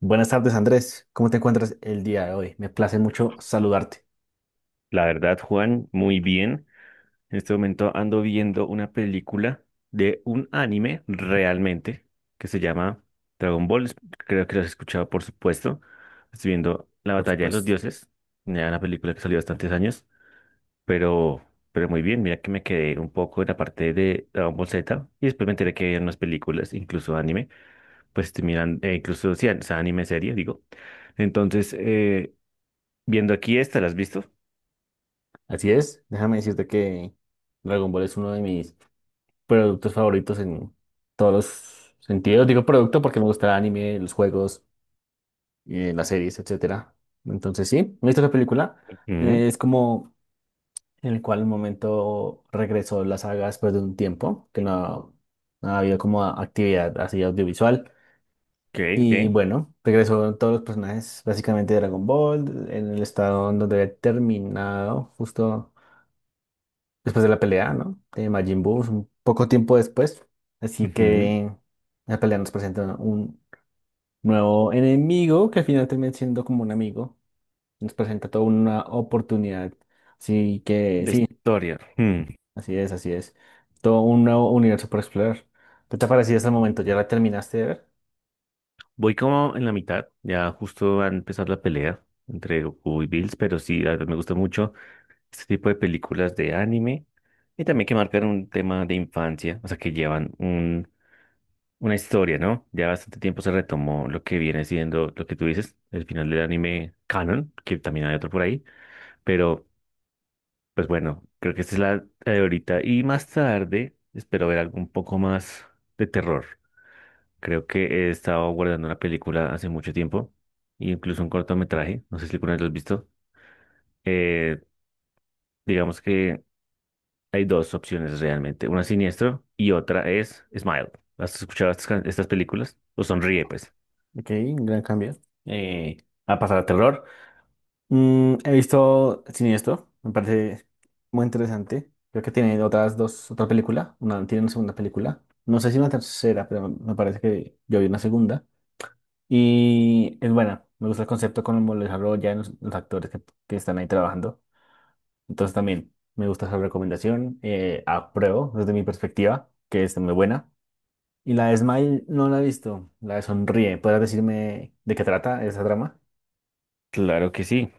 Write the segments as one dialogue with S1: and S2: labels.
S1: Buenas tardes, Andrés. ¿Cómo te encuentras el día de hoy? Me place mucho saludarte,
S2: La verdad, Juan, muy bien. En este momento ando viendo una película de un anime realmente que se llama Dragon Ball. Es- creo que lo has escuchado, por supuesto. Estoy viendo La
S1: por
S2: Batalla de los
S1: supuesto.
S2: Dioses, ya una película que salió hace bastantes años, pero, pero muy bien. Mira que me quedé un poco en la parte de Dragon Ball Z y después me enteré que hay unas películas, incluso anime, pues estoy mirando, incluso, sí, o sea, anime serie, digo. Entonces, viendo aquí esta, ¿la has visto?
S1: Así es, déjame decirte que Dragon Ball es uno de mis productos favoritos en todos los sentidos. Digo producto porque me gusta el anime, los juegos, las series, etcétera. Entonces, sí, me visto la película.
S2: Ujú.
S1: Es como en el cual un momento regresó la saga después de un tiempo que no ha habido como actividad así audiovisual.
S2: Ok,
S1: Y
S2: ok.
S1: bueno, regresó todos los personajes básicamente de Dragon Ball en el estado en donde había terminado justo después de la pelea, ¿no? De Majin Buu, un poco tiempo después. Así
S2: Ujú.
S1: que la pelea nos presenta un nuevo enemigo que al final termina siendo como un amigo. Nos presenta toda una oportunidad. Así que
S2: De
S1: sí,
S2: historia. Hmm.
S1: así es, así es. Todo un nuevo universo por explorar. ¿Qué te ha parecido hasta el momento? ¿Ya la terminaste de ver?
S2: Voy como en la mitad, ya justo va a empezar la pelea entre Goku y Bills, pero sí, la verdad me gusta mucho este tipo de películas de anime y también que marcan un tema de infancia, o sea, que llevan un, una historia, ¿no? Ya bastante tiempo se retomó lo que viene siendo lo que tú dices, el final del anime canon, que también hay otro por ahí, pero pues bueno, creo que esta es la la de ahorita y más tarde espero ver algo un poco más de terror. Creo que he estado guardando una película hace mucho tiempo, incluso un cortometraje, no sé si alguna vez lo has visto. Eh, digamos que hay dos opciones realmente, una es Siniestro y otra es Smile. ¿Has escuchado estas, can- estas películas? ¿O Sonríe, pues?
S1: Ok, un gran cambio. Eh, a pasar a terror. Mm, he visto Siniestro, me parece muy interesante. Creo que tiene otras dos, otra película, una tiene una segunda película. No sé si una tercera, pero me parece que yo vi una segunda. Y es buena, me gusta el concepto cómo lo desarrollan los actores que están ahí trabajando. Entonces también me gusta esa recomendación, apruebo desde mi perspectiva, que es muy buena. Y la de Smile no la he visto, la de Sonríe. ¿Podrás decirme de qué trata esa trama?
S2: Claro que sí.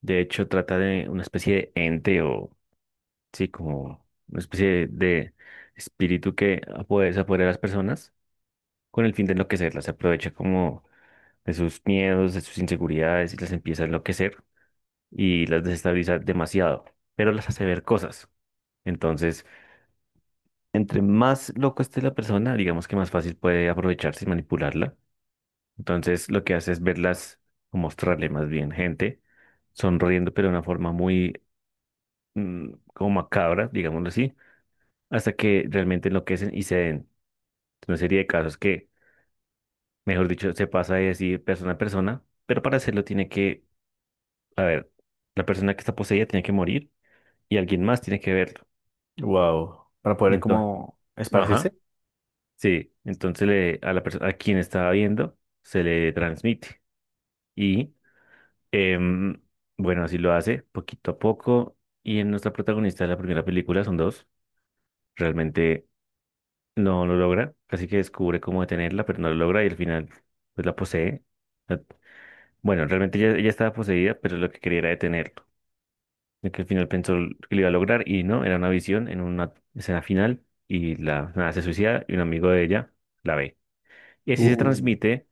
S2: De hecho, trata de una especie de ente o, sí, como una especie de espíritu que puede desaparecer a las personas con el fin de enloquecerlas. Se aprovecha como de sus miedos, de sus inseguridades y las empieza a enloquecer y las desestabiliza demasiado, pero las hace ver cosas. Entonces, entre más loco esté la persona, digamos que más fácil puede aprovecharse y manipularla. Entonces, lo que hace es verlas o mostrarle más bien gente sonriendo, pero de una forma muy como macabra, digámoslo así, hasta que realmente enloquecen y se den. Una serie de casos que, mejor dicho, se pasa de decir persona a persona, pero para hacerlo tiene que, a ver, la persona que está poseída tiene que morir y alguien más tiene que verlo.
S1: Wow. Para poder
S2: Entonces,
S1: como esparcirse.
S2: ajá. Sí, entonces le, a la persona, a quien estaba viendo se le transmite. Y em, bueno, así lo hace poquito a poco. Y en nuestra protagonista de la primera película son dos. Realmente no lo logra. Casi que descubre cómo detenerla, pero no lo logra y al final pues la posee. La- bueno, realmente ella, ella estaba poseída, pero lo que quería era detenerlo. Y que al final pensó que lo iba a lograr y no, era una visión en una escena final y la nada, se suicida y un amigo de ella la ve. Y así se
S1: Uy,
S2: transmite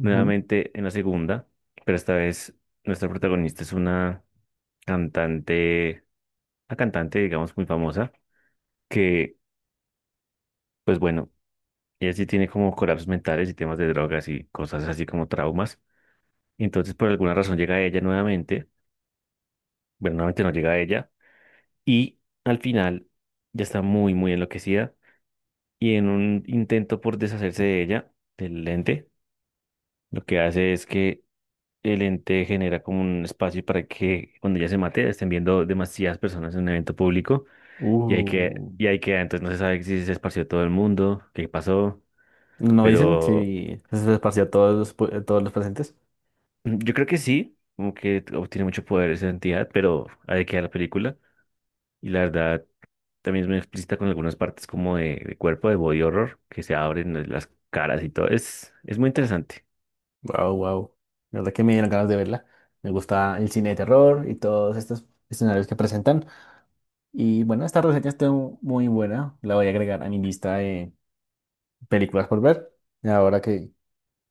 S1: ujú,
S2: nuevamente en la segunda, pero esta vez nuestra protagonista es cantante, una cantante, digamos, muy famosa, que, pues bueno, ella sí tiene como colapsos mentales y temas de drogas y cosas así como traumas. Entonces, por alguna razón llega ella nuevamente, bueno, nuevamente no llega ella, y al final ya está muy, muy enloquecida y en un intento por deshacerse de ella, del lente, lo que hace es que el ente genera como un espacio para que cuando ya se mate estén viendo demasiadas personas en un evento público
S1: uh.
S2: y hay que, entonces no se sabe si se esparció todo el mundo, qué pasó,
S1: No dicen
S2: pero
S1: si se esparció a todos los, pu- a todos los presentes.
S2: yo creo que sí, como que obtiene mucho poder esa entidad, pero hay que ver la película y la verdad también es muy explícita con algunas partes como de cuerpo, de body horror, que se abren las caras y todo, es muy interesante.
S1: Wow, wow. La verdad que me dieron ganas de verla. Me gusta el cine de terror y todos estos escenarios que presentan. Y bueno, esta reseña está muy buena. La voy a agregar a mi lista de películas por ver. Y ahora que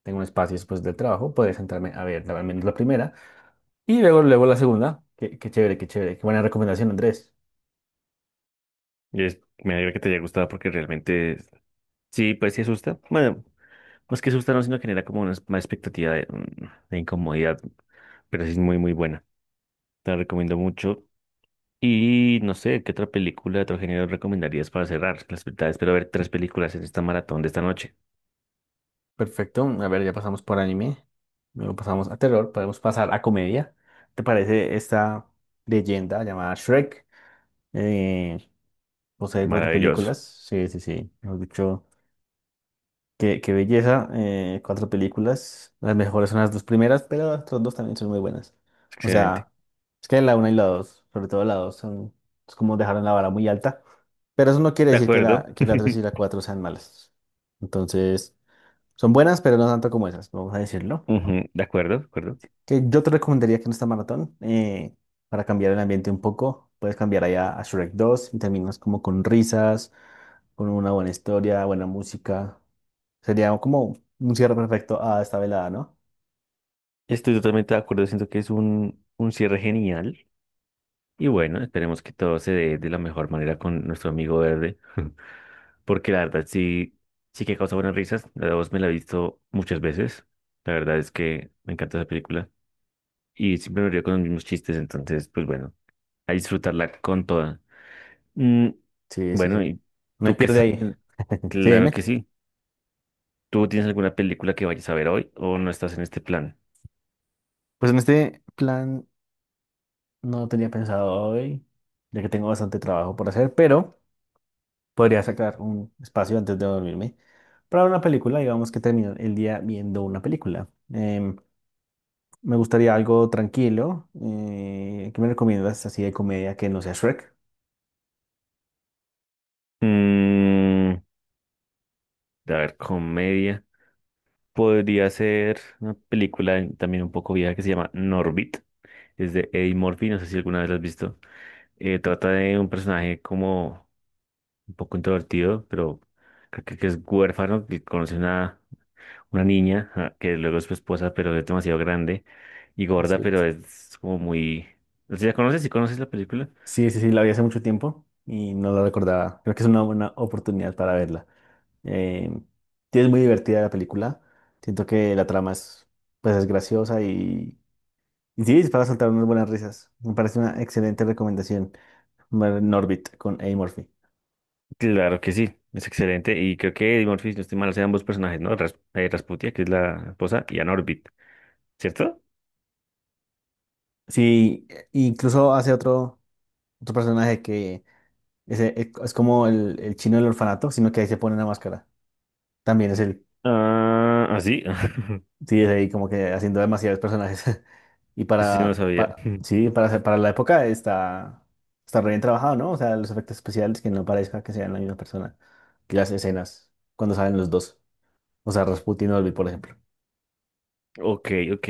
S1: tengo un espacio después del trabajo, podré sentarme a ver la- al menos la primera. Y luego, luego la segunda. Qué, qué chévere, qué chévere. Qué buena recomendación, Andrés.
S2: Y es, me alegra que te haya gustado porque realmente sí, pues sí asusta. Bueno. Más que asustado, sino genera como una, es- más expectativa de, de incomodidad, pero sí es muy, muy buena. Te la recomiendo mucho. Y no sé, ¿qué otra película de otro género recomendarías para cerrar? Las verdad, espero ver 3 películas en esta maratón de esta noche.
S1: Perfecto. A ver, ya pasamos por anime. Luego pasamos a terror. Podemos pasar a comedia. ¿Te parece esta leyenda llamada Shrek? Eh, Posee cuatro
S2: Maravilloso.
S1: películas. Sí, sí, sí. Hemos dicho, qué, qué belleza. Eh, cuatro películas. Las mejores son las dos primeras, pero las otras dos también son muy buenas. O
S2: Excelente.
S1: sea, es que la una y la dos, sobre todo la dos, son, es como dejaron la vara muy alta. Pero eso no quiere
S2: De
S1: decir que
S2: acuerdo.
S1: que la tres y la cuatro sean malas. Entonces, son buenas, pero no tanto como esas, vamos a decirlo.
S2: Ujú, de acuerdo, de acuerdo.
S1: Que yo te recomendaría que en esta maratón, para cambiar el ambiente un poco, puedes cambiar allá a Shrek dos y terminas como con risas, con una buena historia, buena música. Sería como un cierre perfecto a esta velada, ¿no?
S2: Estoy totalmente de acuerdo. Siento que es un cierre genial. Y bueno, esperemos que todo se dé de la mejor manera con nuestro amigo verde. Porque la verdad sí, sí que causa buenas risas. La dos me la he visto muchas veces. La verdad es que me encanta esa película y siempre me río con los mismos chistes, entonces, pues bueno, a disfrutarla con toda. Mm,
S1: Sí, sí, sí.
S2: bueno, ¿y
S1: No hay
S2: tú qué
S1: pierde
S2: estás
S1: ahí.
S2: haciendo?
S1: Sí,
S2: Claro que
S1: dime.
S2: sí. ¿Tú tienes alguna película que vayas a ver hoy o no estás en este plan?
S1: Pues en este plan no tenía pensado hoy, ya que tengo bastante trabajo por hacer, pero podría sacar un espacio antes de dormirme para una película, digamos que termino el día viendo una película. Me gustaría algo tranquilo. ¿Qué me recomiendas así de comedia que no sea Shrek?
S2: Mm, a ver, comedia. Podría ser una película en- también un poco vieja que se llama Norbit. Es de Eddie Murphy, no sé si alguna vez la has visto. Trata de un personaje como un poco introvertido, pero creo que es huérfano, que conoce una niña, ja, que luego es su esposa, pero es demasiado grande y
S1: Es
S2: gorda,
S1: cierto.
S2: pero es como muy... ¿Sí la conoces? ¿Sí conoces la película?
S1: Sí, sí, sí, la vi hace mucho tiempo y no la recordaba. Creo que es una buena oportunidad para verla. Eh, sí, es muy divertida la película. Siento que la trama es, pues, es graciosa y sí, es para soltar unas buenas risas. Me parece una excelente recomendación. Ver Norbit con Eddie Murphy.
S2: Claro que sí, es excelente. Y creo que Eddie Murphy, si no estoy mal, hace ambos personajes, ¿no? Ras- Rasputia, que es la esposa, y Ann Orbit, ¿cierto?
S1: Sí, e- incluso hace otro, otro personaje que es como el chino del orfanato, sino que ahí se pone una máscara. También es el,
S2: Ah, ¿ah, sí?
S1: sí, es ahí como que haciendo demasiados personajes. Y
S2: Eso sí no lo
S1: para,
S2: sabía.
S1: pa- sí, para, hacer- para la época está, está re bien trabajado, ¿no? O sea, los efectos especiales que no parezca que sean la misma persona. Y las escenas, cuando salen los dos. O sea, Rasputin y Olvi, por ejemplo.
S2: Ok, ok.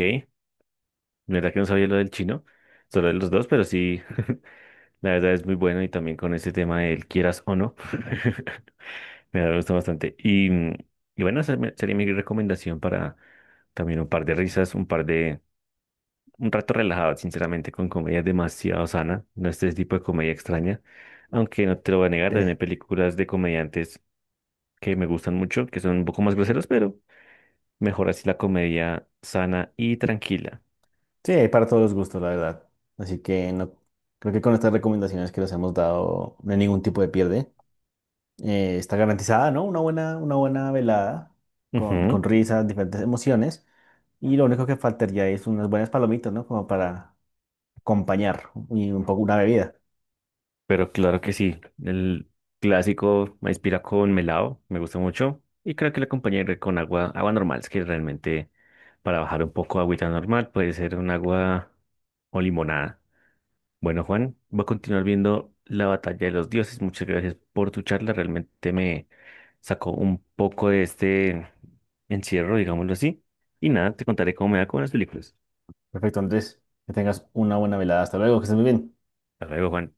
S2: La verdad que no sabía lo del chino, solo de los dos, pero sí. La verdad es muy bueno y también con ese tema del quieras o no, me gusta bastante. Y, mm, y bueno, esa me- sería mi recomendación para también un par de risas, un par de, un rato relajado, sinceramente, con comedia demasiado sana, no este tipo de comedia extraña, aunque no te lo voy a negar,
S1: Sí,
S2: también hay películas de comediantes que me gustan mucho, que son un poco más groseros, pero mejor así la comedia sana y tranquila.
S1: sí, hay para todos los gustos, la verdad. Así que no, creo que con estas recomendaciones que les hemos dado no hay ningún tipo de pierde. Eh, está garantizada, ¿no? Una buena velada con risas, diferentes emociones. Y lo único que faltaría es unas buenas palomitas, ¿no? Como para acompañar y un poco una bebida.
S2: Pero claro que sí, el clásico maíz pira con melado me gusta mucho y creo que lo acompañaré con agua, agua normal, es que realmente para bajar un poco agüita normal puede ser un agua o limonada. Bueno, Juan, voy a continuar viendo La Batalla de los Dioses. Muchas gracias por tu charla, realmente me sacó un poco de este encierro, digámoslo así. Y nada, te contaré cómo me va con las películas.
S1: Perfecto, Andrés, que tengas una buena velada. Hasta luego, que estés muy bien.
S2: Hasta luego, Juan.